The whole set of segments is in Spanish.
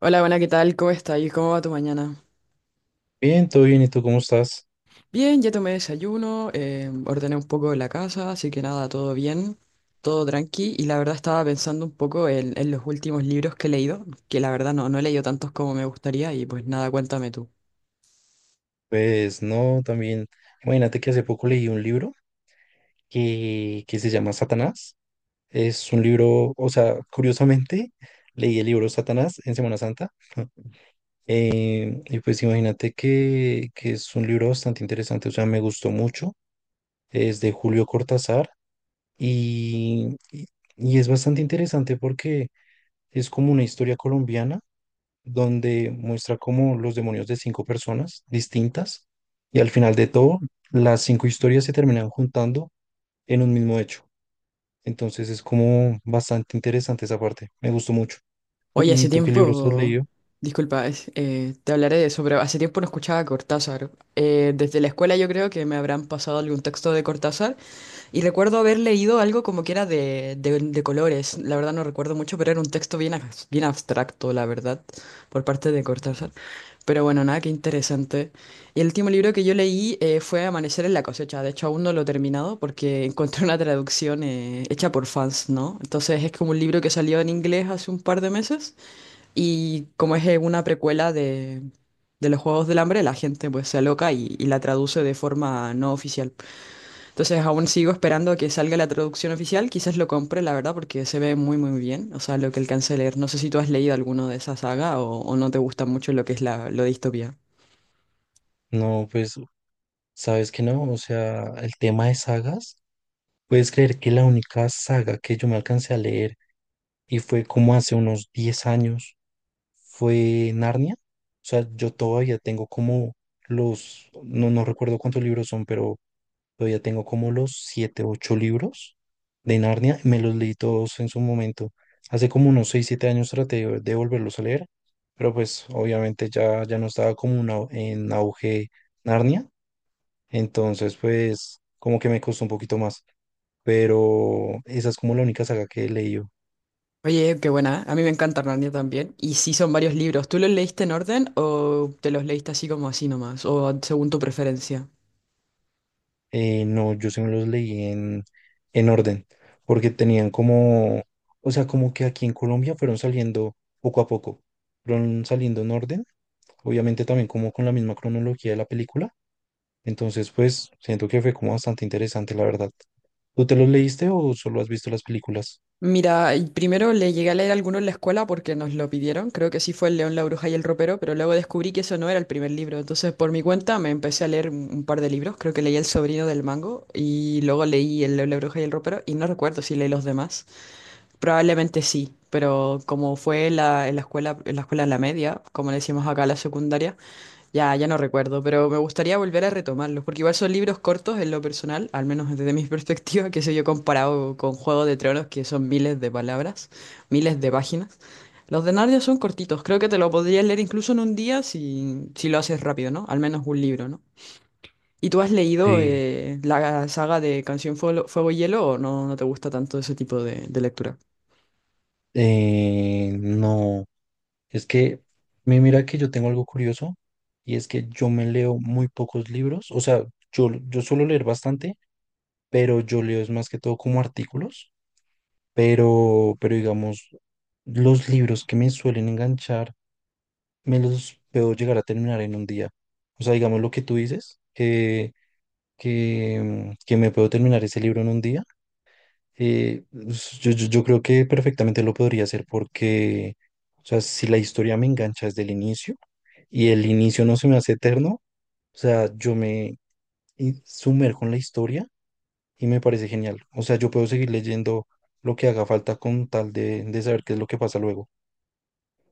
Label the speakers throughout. Speaker 1: Hola, buena, ¿qué tal? ¿Cómo está? Y ¿cómo va tu mañana?
Speaker 2: Bien, todo bien, ¿y tú cómo estás?
Speaker 1: Bien, ya tomé desayuno, ordené un poco de la casa, así que nada, todo bien, todo tranqui. Y la verdad estaba pensando un poco en los últimos libros que he leído, que la verdad no, no he leído tantos como me gustaría y pues nada, cuéntame tú.
Speaker 2: Pues no, también, imagínate que hace poco leí un libro que se llama Satanás. Es un libro, o sea, curiosamente, leí el libro Satanás en Semana Santa. Y pues imagínate que es un libro bastante interesante, o sea, me gustó mucho. Es de Julio Cortázar y, y y es bastante interesante porque es como una historia colombiana donde muestra como los demonios de cinco personas distintas, y al final de todo las cinco historias se terminan juntando en un mismo hecho. Entonces es como bastante interesante esa parte, me gustó mucho. ¿Tú-
Speaker 1: Oye,
Speaker 2: ¿Y
Speaker 1: hace
Speaker 2: tú qué libros has
Speaker 1: tiempo,
Speaker 2: leído?
Speaker 1: disculpa, te hablaré de eso, pero hace tiempo no escuchaba a Cortázar. Desde la escuela yo creo que me habrán pasado algún texto de Cortázar. Y recuerdo haber leído algo como que era de colores, la verdad no recuerdo mucho, pero era un texto bien, bien abstracto, la verdad, por parte de Cortázar. Pero bueno, nada, qué interesante. Y el último libro que yo leí fue Amanecer en la cosecha, de hecho aún no lo he terminado porque encontré una traducción hecha por fans, ¿no? Entonces es como un libro que salió en inglés hace un par de meses y como es una precuela de los Juegos del Hambre, la gente pues se aloca y la traduce de forma no oficial. Entonces aún sigo esperando a que salga la traducción oficial. Quizás lo compre, la verdad, porque se ve muy, muy bien. O sea, lo que alcancé a leer. No sé si tú has leído alguno de esa saga o no te gusta mucho lo que es lo de distopía.
Speaker 2: No, pues sabes que no, o sea, el tema de sagas, ¿puedes creer que la única saga que yo me alcancé a leer, y fue como hace unos 10 años, fue Narnia? O sea, yo todavía tengo como los, no recuerdo cuántos libros son, pero todavía tengo como los siete, ocho libros de Narnia. Me los leí todos en su momento. Hace como unos 6, 7 años traté de volverlos a leer, pero pues obviamente ya, ya no estaba como en auge Narnia. Entonces pues como que me costó un poquito más. Pero esa es como la única saga que he leído.
Speaker 1: Oye, qué buena, ¿eh? A mí me encanta Narnia también. Y sí son varios libros. ¿Tú los leíste en orden o te los leíste así como así nomás? O según tu preferencia.
Speaker 2: No, yo sí me los leí en orden, porque tenían como, o sea, como que aquí en Colombia fueron saliendo poco a poco, fueron saliendo en orden, obviamente también como con la misma cronología de la película. Entonces, pues siento que fue como bastante interesante, la verdad. ¿Tú te los leíste o solo has visto las películas?
Speaker 1: Mira, y primero le llegué a leer alguno en la escuela porque nos lo pidieron, creo que sí fue El León, la Bruja y el Ropero, pero luego descubrí que eso no era el primer libro, entonces por mi cuenta me empecé a leer un par de libros, creo que leí El Sobrino del Mango y luego leí El León, la Bruja y el Ropero y no recuerdo si leí los demás, probablemente sí, pero como fue en la escuela, en la media, como le decimos acá la secundaria, ya, ya no recuerdo, pero me gustaría volver a retomarlos, porque igual son libros cortos en lo personal, al menos desde mi perspectiva, que sé yo, comparado con Juego de Tronos, que son miles de palabras, miles de páginas. Los de Narnia son cortitos, creo que te lo podrías leer incluso en un día si, si lo haces rápido, ¿no? Al menos un libro, ¿no? ¿Y tú has leído
Speaker 2: Sí.
Speaker 1: la saga de Canción Fuego y Hielo o no, no te gusta tanto ese tipo de lectura?
Speaker 2: No, es que mira que yo tengo algo curioso, y es que yo me leo muy pocos libros, o sea, yo suelo leer bastante, pero yo leo es más que todo como artículos, pero digamos, los libros que me suelen enganchar me los puedo llegar a terminar en un día. O sea, digamos lo que tú dices, que me puedo terminar ese libro en un día. eh, yo creo que perfectamente lo podría hacer porque, o sea, si la historia me engancha desde el inicio y el inicio no se me hace eterno, o sea, yo me sumerjo en la historia y me parece genial. O sea, yo puedo seguir leyendo lo que haga falta con tal de saber qué es lo que pasa luego.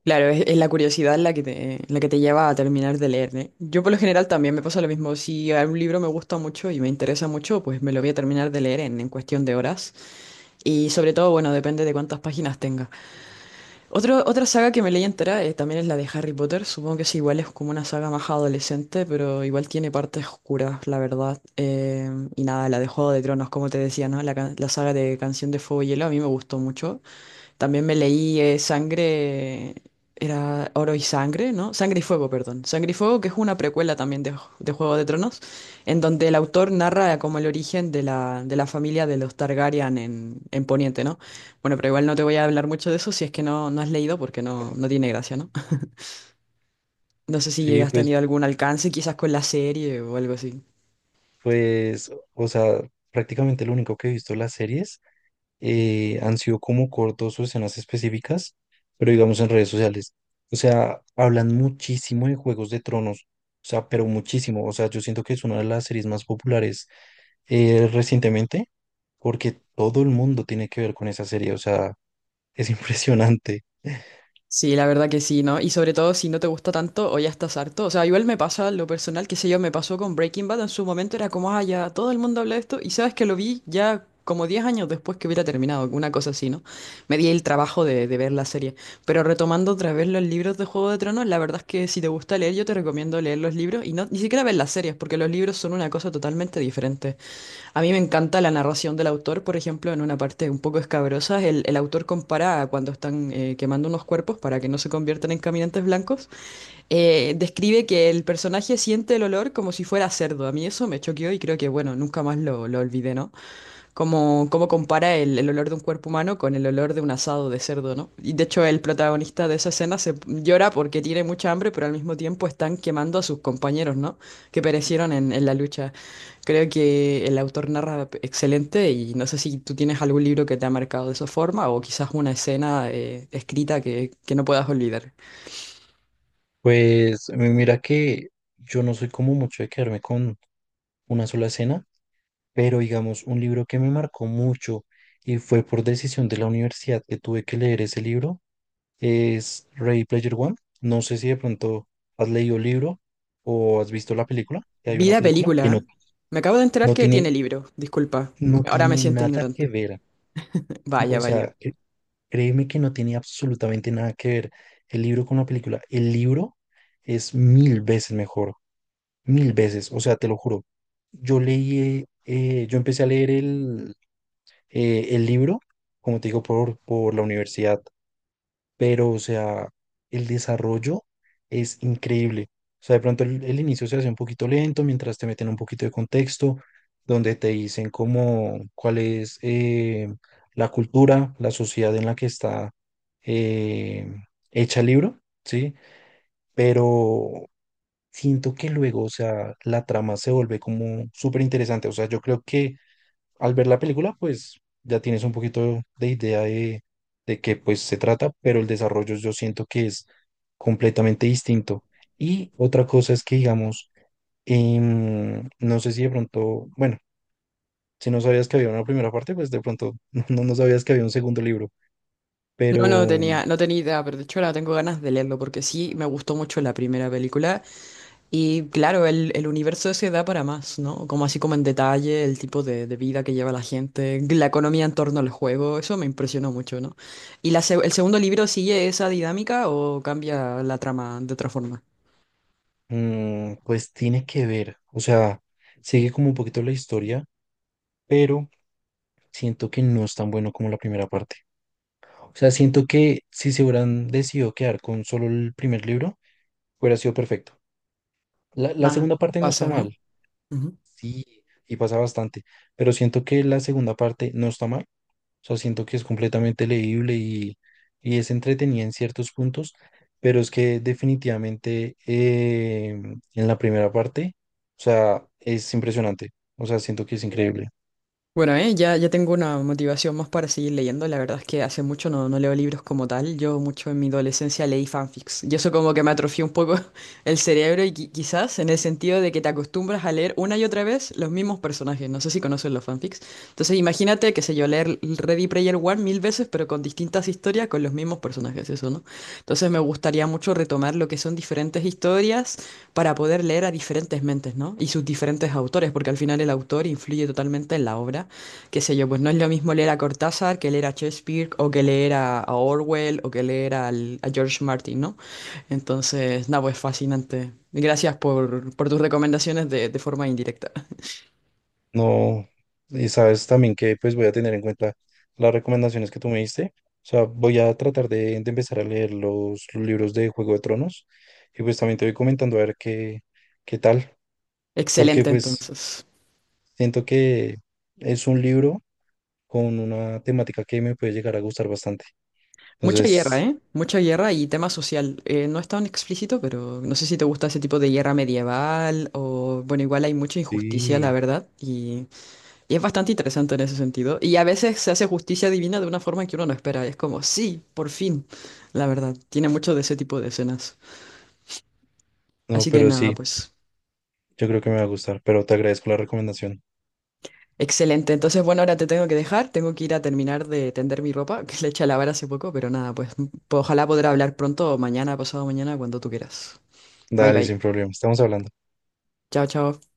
Speaker 1: Claro, es la curiosidad la que te lleva a terminar de leer, ¿eh? Yo por lo general también me pasa lo mismo. Si un libro me gusta mucho y me interesa mucho, pues me lo voy a terminar de leer en cuestión de horas. Y sobre todo, bueno, depende de cuántas páginas tenga. Otra saga que me leí entera también es la de Harry Potter. Supongo que es igual, es como una saga más adolescente, pero igual tiene partes oscuras, la verdad. Y nada, la de Juego de Tronos, como te decía, ¿no? La saga de Canción de Fuego y Hielo a mí me gustó mucho. También me leí Sangre, era Oro y Sangre, ¿no? Sangre y Fuego, perdón. Sangre y Fuego, que es una precuela también de Juego de Tronos, en donde el autor narra como el origen de la familia de los Targaryen en Poniente, ¿no? Bueno, pero igual no te voy a hablar mucho de eso si es que no, no has leído, porque no, no tiene gracia, ¿no? No sé si
Speaker 2: Sí,
Speaker 1: has
Speaker 2: pues,
Speaker 1: tenido algún alcance quizás con la serie o algo así.
Speaker 2: o sea, prácticamente lo único que he visto en las series han sido como cortos o escenas específicas, pero digamos en redes sociales. O sea, hablan muchísimo de Juegos de Tronos, o sea, pero muchísimo. O sea, yo siento que es una de las series más populares recientemente, porque todo el mundo tiene que ver con esa serie, o sea, es impresionante.
Speaker 1: Sí, la verdad que sí, ¿no? Y sobre todo si no te gusta tanto o ya estás harto. O sea, igual me pasa lo personal, qué sé yo, me pasó con Breaking Bad en su momento, era como, ah, ya todo el mundo habla de esto. Y sabes que lo vi ya como 10 años después que hubiera terminado, una cosa así, ¿no? Me di el trabajo de ver la serie. Pero retomando otra vez los libros de Juego de Tronos, la verdad es que si te gusta leer, yo te recomiendo leer los libros y no, ni siquiera ver las series, porque los libros son una cosa totalmente diferente. A mí me encanta la narración del autor, por ejemplo, en una parte un poco escabrosa, el autor compara a cuando están quemando unos cuerpos para que no se conviertan en caminantes blancos, describe que el personaje siente el olor como si fuera cerdo. A mí eso me choqueó y creo que, bueno, nunca más lo olvidé, ¿no? Cómo compara el olor de un cuerpo humano con el olor de un asado de cerdo, ¿no? Y de hecho el protagonista de esa escena se llora porque tiene mucha hambre, pero al mismo tiempo están quemando a sus compañeros, ¿no? Que perecieron en la lucha. Creo que el autor narra excelente y no sé si tú tienes algún libro que te ha marcado de esa forma o quizás una escena escrita que no puedas olvidar.
Speaker 2: Pues mira que yo no soy como mucho de quedarme con una sola escena, pero digamos, un libro que me marcó mucho, y fue por decisión de la universidad que tuve que leer ese libro, es Ready Player One. No sé si de pronto has leído el libro o has visto la película, que hay una
Speaker 1: Vida
Speaker 2: película que
Speaker 1: película. ¿Eh?
Speaker 2: no,
Speaker 1: Me acabo de enterar
Speaker 2: no
Speaker 1: que tiene
Speaker 2: tiene,
Speaker 1: libro, disculpa.
Speaker 2: no
Speaker 1: Ahora me
Speaker 2: tiene
Speaker 1: siento
Speaker 2: nada que
Speaker 1: ignorante.
Speaker 2: ver.
Speaker 1: Vaya,
Speaker 2: O
Speaker 1: vaya.
Speaker 2: sea, créeme que no tiene absolutamente nada que ver el libro con la película. El libro es mil veces mejor, mil veces, o sea, te lo juro. Yo leí, yo empecé a leer el libro, como te digo, por la universidad. Pero o sea, el desarrollo es increíble. O sea, de pronto el inicio se hace un poquito lento mientras te meten un poquito de contexto, donde te dicen cómo, cuál es la cultura, la sociedad en la que está eh, hecha el libro, ¿sí? Pero siento que luego, o sea, la trama se vuelve como súper interesante. O sea, yo creo que al ver la película, pues ya tienes un poquito de idea de qué pues se trata, pero el desarrollo yo siento que es completamente distinto. Y otra cosa es que, digamos, no sé si de pronto, bueno, si no sabías que había una primera parte, pues de pronto no sabías que había un segundo libro, pero
Speaker 1: No, no tenía idea, pero de hecho ahora tengo ganas de leerlo porque sí me gustó mucho la primera película y claro, el universo se da para más, ¿no? Como así como en detalle el tipo de vida que lleva la gente, la economía en torno al juego, eso me impresionó mucho, ¿no? ¿Y la, el segundo libro sigue esa dinámica o cambia la trama de otra forma?
Speaker 2: pues tiene que ver, o sea, sigue como un poquito la historia, pero siento que no es tan bueno como la primera parte. O sea, siento que si se hubieran decidido quedar con solo el primer libro, hubiera sido perfecto. La
Speaker 1: Ah,
Speaker 2: segunda parte no está
Speaker 1: pasa, ¿no?
Speaker 2: mal, sí, y pasa bastante, pero siento que la segunda parte no está mal. O sea, siento que es completamente leíble, y es entretenida en ciertos puntos, pero es que definitivamente en la primera parte, o sea, es impresionante. O sea, siento que es increíble.
Speaker 1: Bueno, ya, ya tengo una motivación más para seguir leyendo. La verdad es que hace mucho no, no leo libros como tal. Yo mucho en mi adolescencia leí fanfics. Y eso como que me atrofió un poco el cerebro y quizás en el sentido de que te acostumbras a leer una y otra vez los mismos personajes. No sé si conoces los fanfics. Entonces imagínate, qué sé yo, leer Ready Player One mil veces, pero con distintas historias, con los mismos personajes, eso, ¿no? Entonces me gustaría mucho retomar lo que son diferentes historias para poder leer a diferentes mentes, ¿no? Y sus diferentes autores, porque al final el autor influye totalmente en la obra. Qué sé yo, pues no es lo mismo leer a Cortázar que leer a Shakespeare o que leer a Orwell o que leer a George Martin, ¿no? Entonces, nada, pues fascinante. Gracias por tus recomendaciones de forma indirecta.
Speaker 2: No, y sabes también que pues voy a tener en cuenta las recomendaciones que tú me diste. O sea, voy a tratar de empezar a leer los libros de Juego de Tronos, y pues también te voy comentando a ver qué tal, porque
Speaker 1: Excelente,
Speaker 2: pues
Speaker 1: entonces.
Speaker 2: siento que es un libro con una temática que me puede llegar a gustar bastante.
Speaker 1: Mucha guerra,
Speaker 2: Entonces,
Speaker 1: ¿eh? Mucha guerra y tema social. No es tan explícito, pero no sé si te gusta ese tipo de guerra medieval o, bueno, igual hay mucha injusticia, la
Speaker 2: sí,
Speaker 1: verdad, y es bastante interesante en ese sentido. Y a veces se hace justicia divina de una forma que uno no espera. Es como, sí, por fin. La verdad, tiene mucho de ese tipo de escenas.
Speaker 2: no,
Speaker 1: Así que
Speaker 2: pero
Speaker 1: nada,
Speaker 2: sí,
Speaker 1: pues.
Speaker 2: yo creo que me va a gustar, pero te agradezco la recomendación.
Speaker 1: Excelente. Entonces, bueno, ahora te tengo que dejar. Tengo que ir a terminar de tender mi ropa, que le eché a lavar hace poco, pero nada, pues ojalá podrá hablar pronto, o mañana, pasado mañana, cuando tú quieras. Bye
Speaker 2: Dale,
Speaker 1: bye.
Speaker 2: sin problema, estamos hablando.
Speaker 1: Chao, chao.